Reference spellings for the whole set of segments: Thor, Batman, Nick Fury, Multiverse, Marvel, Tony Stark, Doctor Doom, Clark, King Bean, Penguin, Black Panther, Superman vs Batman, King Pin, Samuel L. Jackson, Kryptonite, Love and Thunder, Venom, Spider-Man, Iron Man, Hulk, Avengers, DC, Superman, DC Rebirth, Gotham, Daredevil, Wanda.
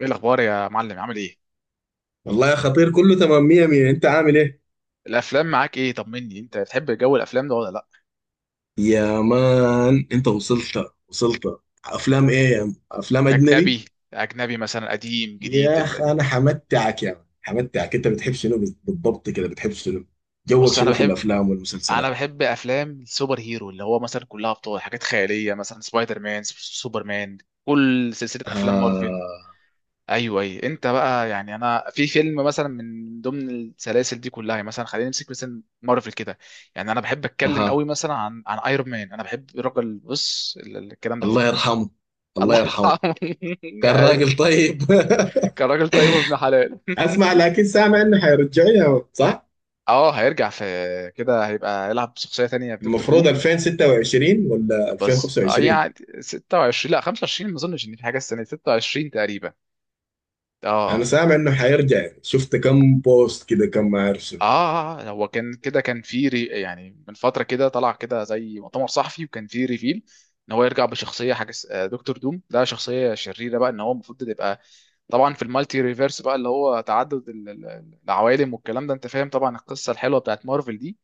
ايه الاخبار يا معلم؟ عامل ايه؟ والله يا خطير، كله تمام مية مية. انت عامل ايه؟ الافلام معاك ايه؟ طمني، انت بتحب جو الافلام ده ولا لا؟ يا مان انت وصلت وصلت. افلام ايه يا مان؟ افلام اجنبي. اجنبي. اجنبي مثلا قديم جديد يا اخ انا حمتعك يا مان، حمتعك. انت بتحب شنو بالضبط كده، بتحب شنو؟ جوك بص انا شنو في بحب الافلام انا والمسلسلات؟ بحب افلام السوبر هيرو، اللي هو مثلا كلها ابطال، حاجات خياليه مثلا سبايدر مان، سوبر مان، كل سلسله افلام مارفل. آه. ايوه اي انت بقى، يعني انا في فيلم مثلا من ضمن السلاسل دي كلها، يعني مثلا خلينا نمسك مثلا مارفل كده، يعني انا بحب اتكلم قوي آه. مثلا عن ايرون مان. انا بحب الراجل، بص الكلام ده كله. الله يرحمه. الله الله يرحمه. كان يرحمه. راجل طيب. كان راجل طيب وابن حلال. اسمع، لكن سامع انه حيرجعوا يا مان، صح؟ اه، هيرجع في كده، هيبقى يلعب بشخصيه تانية في دكتور المفروض دوم. 2026 ولا بس 2025؟ يعني 26، لا 25، ما اظنش ان في حاجه السنه دي، 26 تقريبا. اه انا اه. سامع انه حيرجع، شفت كم بوست كده، كم ما اعرف شنو. هو كان كده، كان في يعني من فتره كده طلع كده زي مؤتمر صحفي وكان في ريفيل ان هو يرجع بشخصيه حاجه دكتور دوم. ده شخصيه شريره بقى، ان هو المفروض تبقى طبعا في المالتي ريفيرس، بقى اللي هو تعدد العوالم والكلام ده، انت فاهم طبعا القصه الحلوه بتاعت مارفل دي.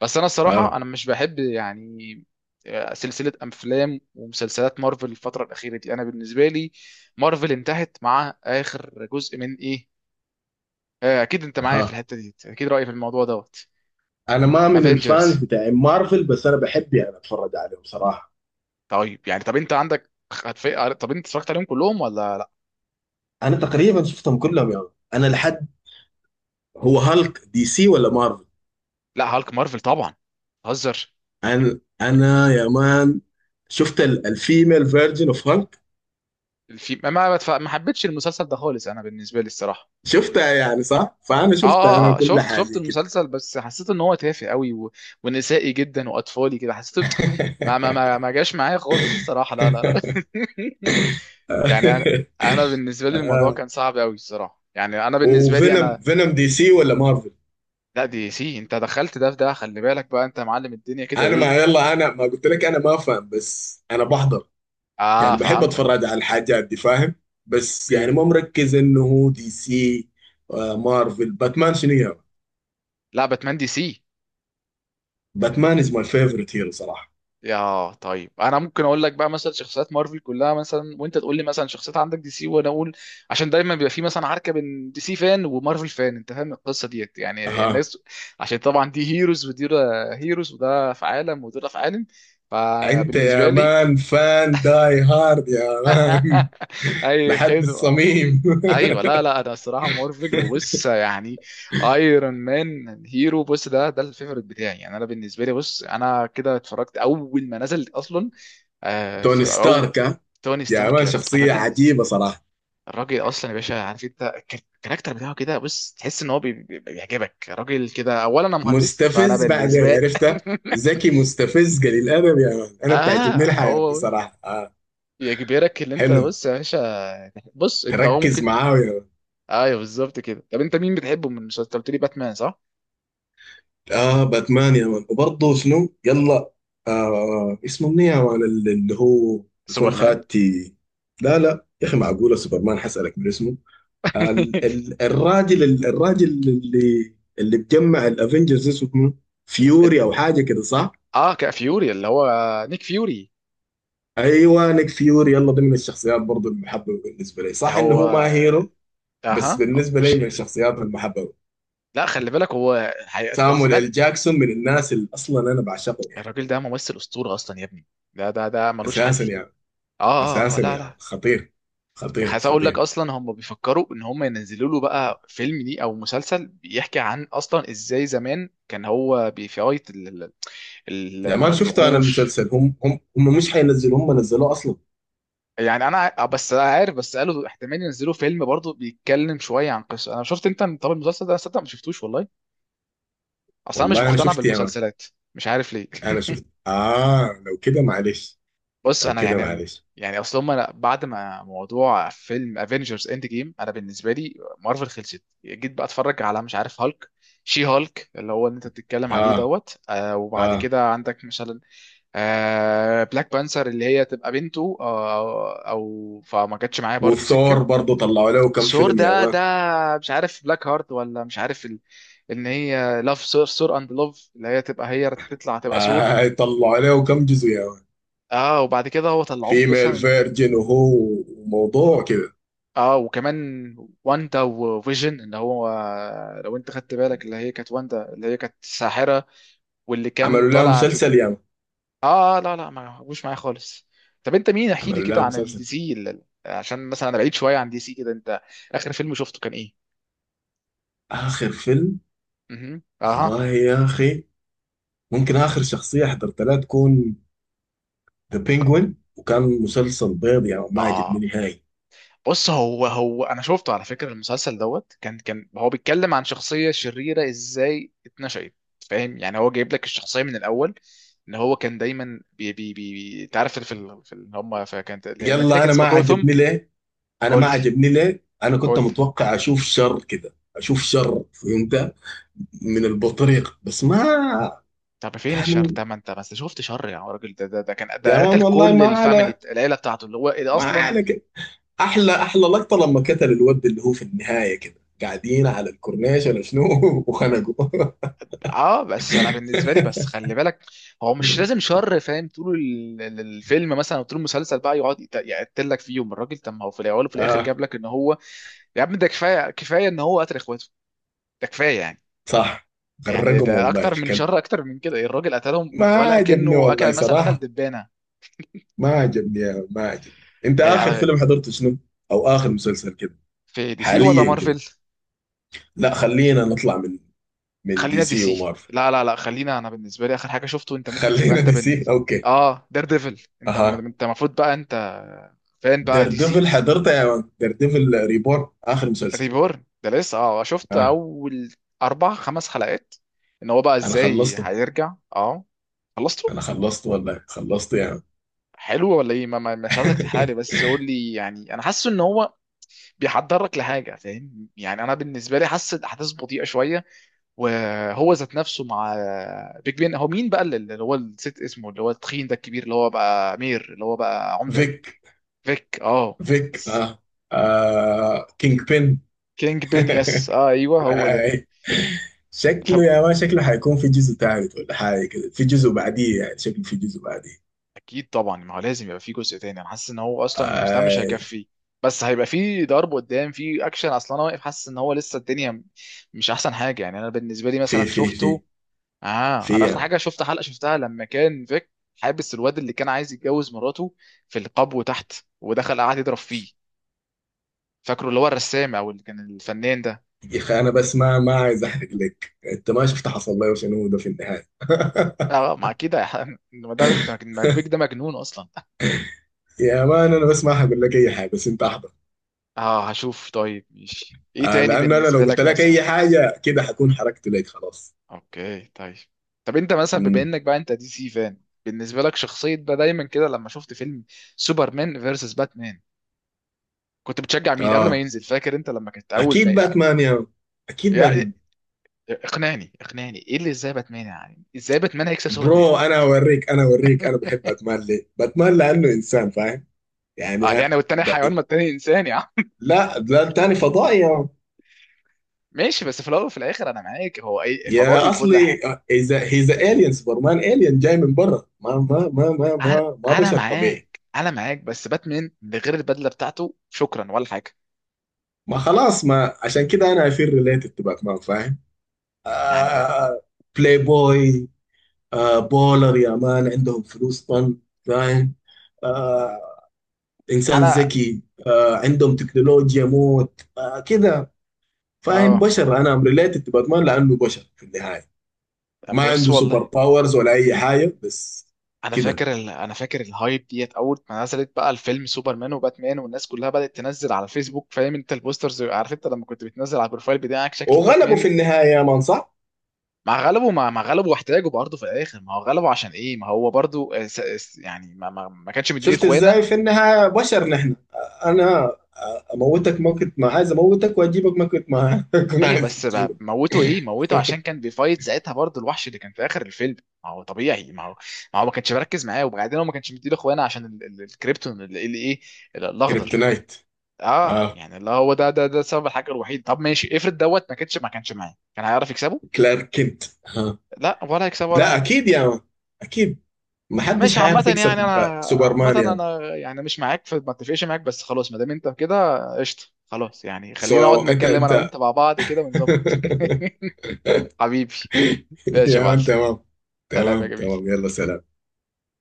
بس انا الصراحه اه. انا مش بحب يعني، سلسله افلام ومسلسلات مارفل الفتره الاخيره دي، انا بالنسبه لي مارفل انتهت مع اخر جزء من ايه. اكيد انت معايا ها. في الحته دي، اكيد رايي في الموضوع دوت. انا ما من افنجرز. الفانز بتاع مارفل، بس انا بحب يعني اتفرج عليهم صراحه. طيب يعني، طب انت عندك طب انت اتفرجت عليهم كلهم ولا لا؟ انا تقريبا شفتهم كلهم يعني. انا لحد. هو هالك دي سي ولا مارفل؟ لا، هالك مارفل طبعا. هزر. انا يا مان شفت الفيميل فيرجن اوف هالك. في ما ما ما حبيتش المسلسل ده خالص، انا بالنسبه لي الصراحه. شفتها يعني صح، فانا اه شفتها اه انا كل شفت حاجه كده. المسلسل، بس حسيت ان هو تافه قوي و... ونسائي جدا واطفالي كده حسيت. ما ما ما ما جاش معايا خالص الصراحه، لا لا لا. يعني انا، انا بالنسبه لي الموضوع آه. كان صعب قوي الصراحه، يعني انا بالنسبه لي وفينوم، انا. فينوم دي سي ولا مارفل؟ لا، دي سي. انت دخلت ده في ده، خلي بالك بقى انت يا معلم، الدنيا كده انا ما ايه؟ يلا، انا ما قلت لك انا ما فاهم، بس انا بحضر. اه، يعني بحب فهمتك. اتفرج على الحاجات دي فاهم. بس اوكي. يعني ما مركز انه هو دي سي. مارفل، باتمان شنو يا؟ لا، باتمان دي سي. باتمان از ماي فيفورت هيرو صراحه. يا طيب، انا ممكن اقول لك بقى مثلا شخصيات مارفل كلها مثلا، وانت تقول لي مثلا شخصيات عندك دي سي، وانا اقول. عشان دايما بيبقى في مثلا عركه بين دي سي فان ومارفل فان، انت فاهم القصه ديت، يعني اها. الناس، عشان طبعا دي هيروز ودي هيروز، وده في عالم وده في عالم، انت يا فبالنسبه لي. مان فان داي هارد يا مان. اي لحد خدمه. الصميم. ايوه، لا لا، انا الصراحه مارفل، وبص يعني ايرون مان هيرو، بص ده ده الفيفوريت بتاعي، يعني انا بالنسبه لي، بص انا كده اتفرجت اول ما نزل اصلا. توني في ستارك، ها؟ توني يا ستارك، مان، شخصيه الراجل، عجيبه صراحه. الراجل اصلا يا باشا، عارف انت الكاركتر بتاعه كده، بص تحس ان هو بيعجبك راجل كده. اولا انا مهندس، فانا مستفز، بعدين بالنسبه لي. عرفته. ذكي، مستفز، قليل الادب يا مان. انا بتعجبني اه، الحياه دي هو صراحه. آه. يجبرك، اللي انت حلو. بص يا باشا، بص انت هو تركز ممكن. معاه. ايوه بالظبط كده. طب انت مين بتحبه من المسلسل؟ أنت قلت لي باتمان صح؟ اه. باتمان يا مان، وبرضه شنو يلا. اسمه مني يا مان، اللي هو بيكون سوبرمان. خاتي. لا، لا يا اخي، معقوله سوبرمان؟ حسألك من اسمه. آه الراجل، الراجل اللي بجمع الافنجرز اسمه فيوري ال... او حاجه كده، صح؟ اه، كا فيوري اللي هو، نيك فيوري. ايوه نيك فيوري يلا، ده من الشخصيات برضه المحببه بالنسبه لي، صح انه هو هو ما هيرو، بس اها، هو بالنسبه لي مش من هير. الشخصيات المحببه. لا، خلي بالك، هو حقيقة اللي سامويل سمعت. ال جاكسون من الناس اللي اصلا انا بعشقه يعني. الراجل ده ممثل اسطوره اصلا يا ابني، ده ده ده ملوش حل. اساسا يعني. اه اساسا لا يا لا. ولد. خطير. خطير عايز اقول لك خطير. اصلا، هم بيفكروا ان هم ينزلوا له بقى فيلم ليه او مسلسل بيحكي عن، اصلا ازاي زمان كان هو بيفايت يا مان شفته انا الوحوش. المسلسل، هم مش حينزلوا، هم نزلوه اصلا. يعني انا بس عارف، بس قالوا احتمال ينزلوا فيلم برضه بيتكلم شويه عن قصه، انا شفت انت. طب المسلسل ده أنا صدق ما شفتوش والله، اصلا مش والله انا مقتنع شفت يا مان. بالمسلسلات، مش عارف ليه. انا شفت. اه لو كده معلش. بص لو انا كده يعني، معلش. يعني اصل هم، أنا بعد ما موضوع فيلم افنجرز اند جيم، انا بالنسبه لي مارفل خلصت. جيت بقى اتفرج على، مش عارف، هالك، شي هالك اللي هو اللي انت بتتكلم عليه اه. دوت. آه، وبعد اه. كده عندك مثلا آه بلاك بانثر، اللي هي تبقى بنته، آه، او فما جاتش معايا برضو سكه. وثور برضه طلعوا له كم ثور فيلم يا ده ده، مان. مش عارف بلاك هارت، ولا مش عارف ان هي لاف ثور، ثور اند لوف، اللي هي تبقى، هي تطلع تبقى ثور. طلعوا له كم جزء يا مان؟ اه، وبعد كده هو طلعوه بس. فيميل فيرجن، وهو وموضوع كده. اه وكمان واندا وفيجن، اللي هو لو انت خدت بالك، اللي هي كانت واندا، اللي هي كانت ساحرة، واللي كان عملوا لها طالع مسلسل يا مان. اه لا لا، ما هوش معايا خالص. طب انت مين احكي لي عملوا كده لها عن الدي مسلسل. سي، عشان مثلا انا بعيد شوية عن دي سي كده. انت اخر فيلم شفته كان ايه؟ اخر فيلم، اها اها. والله يا اخي ممكن اخر شخصيه حضرت لها تكون ذا فك... بينجوين، وكان مسلسل بيض، يعني ما عجبني اه، نهائي. بص هو هو انا شفته على فكره المسلسل دوت، كان كان هو بيتكلم عن شخصيه شريره ازاي اتنشأت، فاهم، يعني هو جايب لك الشخصيه من الاول، ان هو كان دايما بي بي بي انت عارف في هم، فكانت المدينه يلا، كانت انا ما اسمها جوثم. عجبني ليه. انا قول ما لي، عجبني ليه، انا كنت قول لي. متوقع اشوف شر كده، اشوف شر، فهمت؟ من البطريق بس ما طب فين الشر؟ كان. طب ما انت بس شفت شر يا راجل، ده ده ده كان، يا ده قتل مان والله، كل ما على، الفاميلي، العيله بتاعته، اللي هو اللي ما اصلا. على كده. احلى، احلى لقطه لما قتل الود اللي هو في النهايه كده، قاعدين على الكورنيش ولا شنو وخنقوا. اه بس انا بالنسبه لي بس خلي بالك، هو مش لازم شر فاهم طول الفيلم مثلا، او طول المسلسل بقى يقعد يقتلك فيهم الراجل. طب ما هو في الاول وفي الاخر اه. جاب لك ان هو، يا عم ده كفايه، كفايه ان هو قتل اخواته، ده كفايه يعني. صح. يعني غرقهم ده والله اكتر من الكلب. شر، اكتر من كده، الراجل قتلهم ما ولا عجبني كأنه والله اكل، مثلا قتل صراحه. دبانه. ما عجبني يا مان، ما عجبني. انت هي اخر على، فيلم حضرته شنو، او اخر مسلسل كده، في دي سي ولا حاليا كده؟ مارفل؟ لا خلينا نطلع من دي خلينا في دي سي سي. ومارفل. لا لا لا، خلينا، انا بالنسبه لي اخر حاجه شفته، انت ممكن تبقى خلينا انت دي سي، بالنسبه. اوكي. اه، دير ديفل، انت اها. انت المفروض بقى انت فان بقى دير دي ديفل، سي. حضرته يا مان، دير ديفل ريبورن اخر مسلسل. ريبورن ده لسه، اه شفت اه. اول اربع خمس حلقات، ان هو بقى انا ازاي خلصته. هيرجع. اه، خلصته. انا خلصته والله، خلصته يا مان. حلو ولا ايه؟ مش عايزك تحرق لي، بس قول لي، يعني انا حاسه ان هو بيحضرك لحاجه فاهم، يعني انا بالنسبه لي حاسس الاحداث بطيئه شويه، وهو ذات نفسه مع بيج بين، هو مين بقى اللي هو، الست اسمه، اللي هو التخين ده الكبير، اللي هو بقى مير، اللي هو بقى عمده. فيك. فيك، اه، فيك، بس. اه. آه. كينج بين. كينج بين، يس، اه ايوه هو آي. ده. شكله يا ما، شكله حيكون في جزء ثالث ولا حاجه كده، في جزء بعديه يعني، شكله في جزء بعديه. اكيد طبعا، ما هو لازم يبقى في جزء تاني، انا حاسس ان هو اصلا مش ده، مش آي. هيكفي. بس هيبقى في ضرب قدام، في اكشن، اصلا انا واقف حاسس ان هو لسه الدنيا مش احسن حاجه. يعني انا بالنسبه لي مثلا في شفته، اه، في انا يا اخر عم. حاجه شفت حلقه شفتها لما كان فيك حابس الواد اللي كان عايز يتجوز مراته في القبو تحت، ودخل قعد يضرب فيه، فاكره اللي هو الرسام، او اللي كان الفنان ده. يا اخي، انا بس ما عايز احرق لك، انت ما شفت حصل لي وشنو ده في النهايه. اه ما اكيد ما ده ما فيك ده مجنون اصلا. يا مان، انا بس ما هقول لك اي حاجه، بس انت احضر. اه، هشوف. طيب، ماشي. ايه تاني لان انا لو بالنسبه قلت لك لك مثلا؟ اي حاجه كده، حكون حركت لك خلاص. اوكي، طيب. طب انت مثلا بما امم انك بقى انت دي سي فان، بالنسبه لك شخصيه بقى دايما كده، لما شفت فيلم سوبرمان فيرسس باتمان، كنت بتشجع مين قبل ما اه. ينزل؟ فاكر انت لما كنت اول ما، اكيد باتمان يا مان. اكيد باتمان. يعني اقنعني، اقنعني، ايه اللي ازاي باتمان، يعني ازاي باتمان هيكسب سوبرمان؟ برو، انا اوريك، انا اوريك، انا بحب باتمان ليه؟ باتمان لانه انسان فاهم، يعني اه ها؟ يعني، والتاني ب... حيوان؟ ما التاني انسان يا عم. لا، لا، تاني فضائي. ماشي، بس في الاول وفي الاخر انا معاك، هو اي فضائي يا وكل اصلي، حاجه. اذا هيز الين، سوبرمان الين جاي من برا، انا ما انا بشر طبيعي. معاك، انا معاك، بس باتمان من غير البدله بتاعته شكرا، ولا حاجه ما خلاص، ما عشان كده انا افير ريليتد تو باتمان فاهم. يعني. آه. بلاي بوي. بولر يا مان، عندهم فلوس طن، فاهم. آه. انسان انا، ذكي، عندهم تكنولوجيا موت، كده، فاهم اه. بشر. انا ريليتد تو باتمان لانه بشر في النهايه. طب ما بص، عنده سوبر والله باورز ولا اي حاجه، بس انا كده. فاكر انا فاكر الهايب ديت اول ما نزلت بقى الفيلم سوبرمان وباتمان، والناس كلها بدات تنزل على الفيسبوك، فاهم انت البوسترز، عارف انت لما كنت بتنزل على البروفايل بتاعك شكل وغلبوا باتمان؟ في النهايه يا مان، صح. مع غلبه، مع غلبه واحتاجه برضه في الاخر، ما هو غلبه. عشان ايه؟ ما هو برضه يعني ما كانش مديني شفت اخوانا. ازاي، في النهاية بشر نحن. انا اموتك ما كنت ما عايز اموتك، واجيبك ما كنت ما كنت ايوه عايز بس بقى، اجيبك. موته ايه موته؟ عشان كان بيفايت ساعتها برضه الوحش اللي كان في اخر الفيلم، ما هو طبيعي، ما هو ما كانش مركز معاه، وبعدين هو ما كانش مديني اخوانا عشان الكريبتون، اللي اللي ايه، الاخضر. كريبتونايت. اه اه. يعني، اللي هو ده ده ده السبب، الحاجه الوحيد. طب ماشي، افرض دوت ما كانش، ما كانش معايا، كان هيعرف يكسبه؟ كلارك كنت ها. لا، ولا هيكسبه ولا لا، حاجه. اكيد يا مان، اكيد. ما ماشي حدش عامة، هيعرف يعني يكسب انا عامة سوبرمان يا مان. انا، يعني مش معاك في، ما اتفقش معاك، بس خلاص ما دام انت كده قشطه، خلاص يعني خلينا نقعد سو انت نتكلم انا وانت انت مع بعض كده ونظبط. حبيبي. ماشي يا يا معلم. مان تمام. سلام يا تمام جميل. تمام يلا سلام.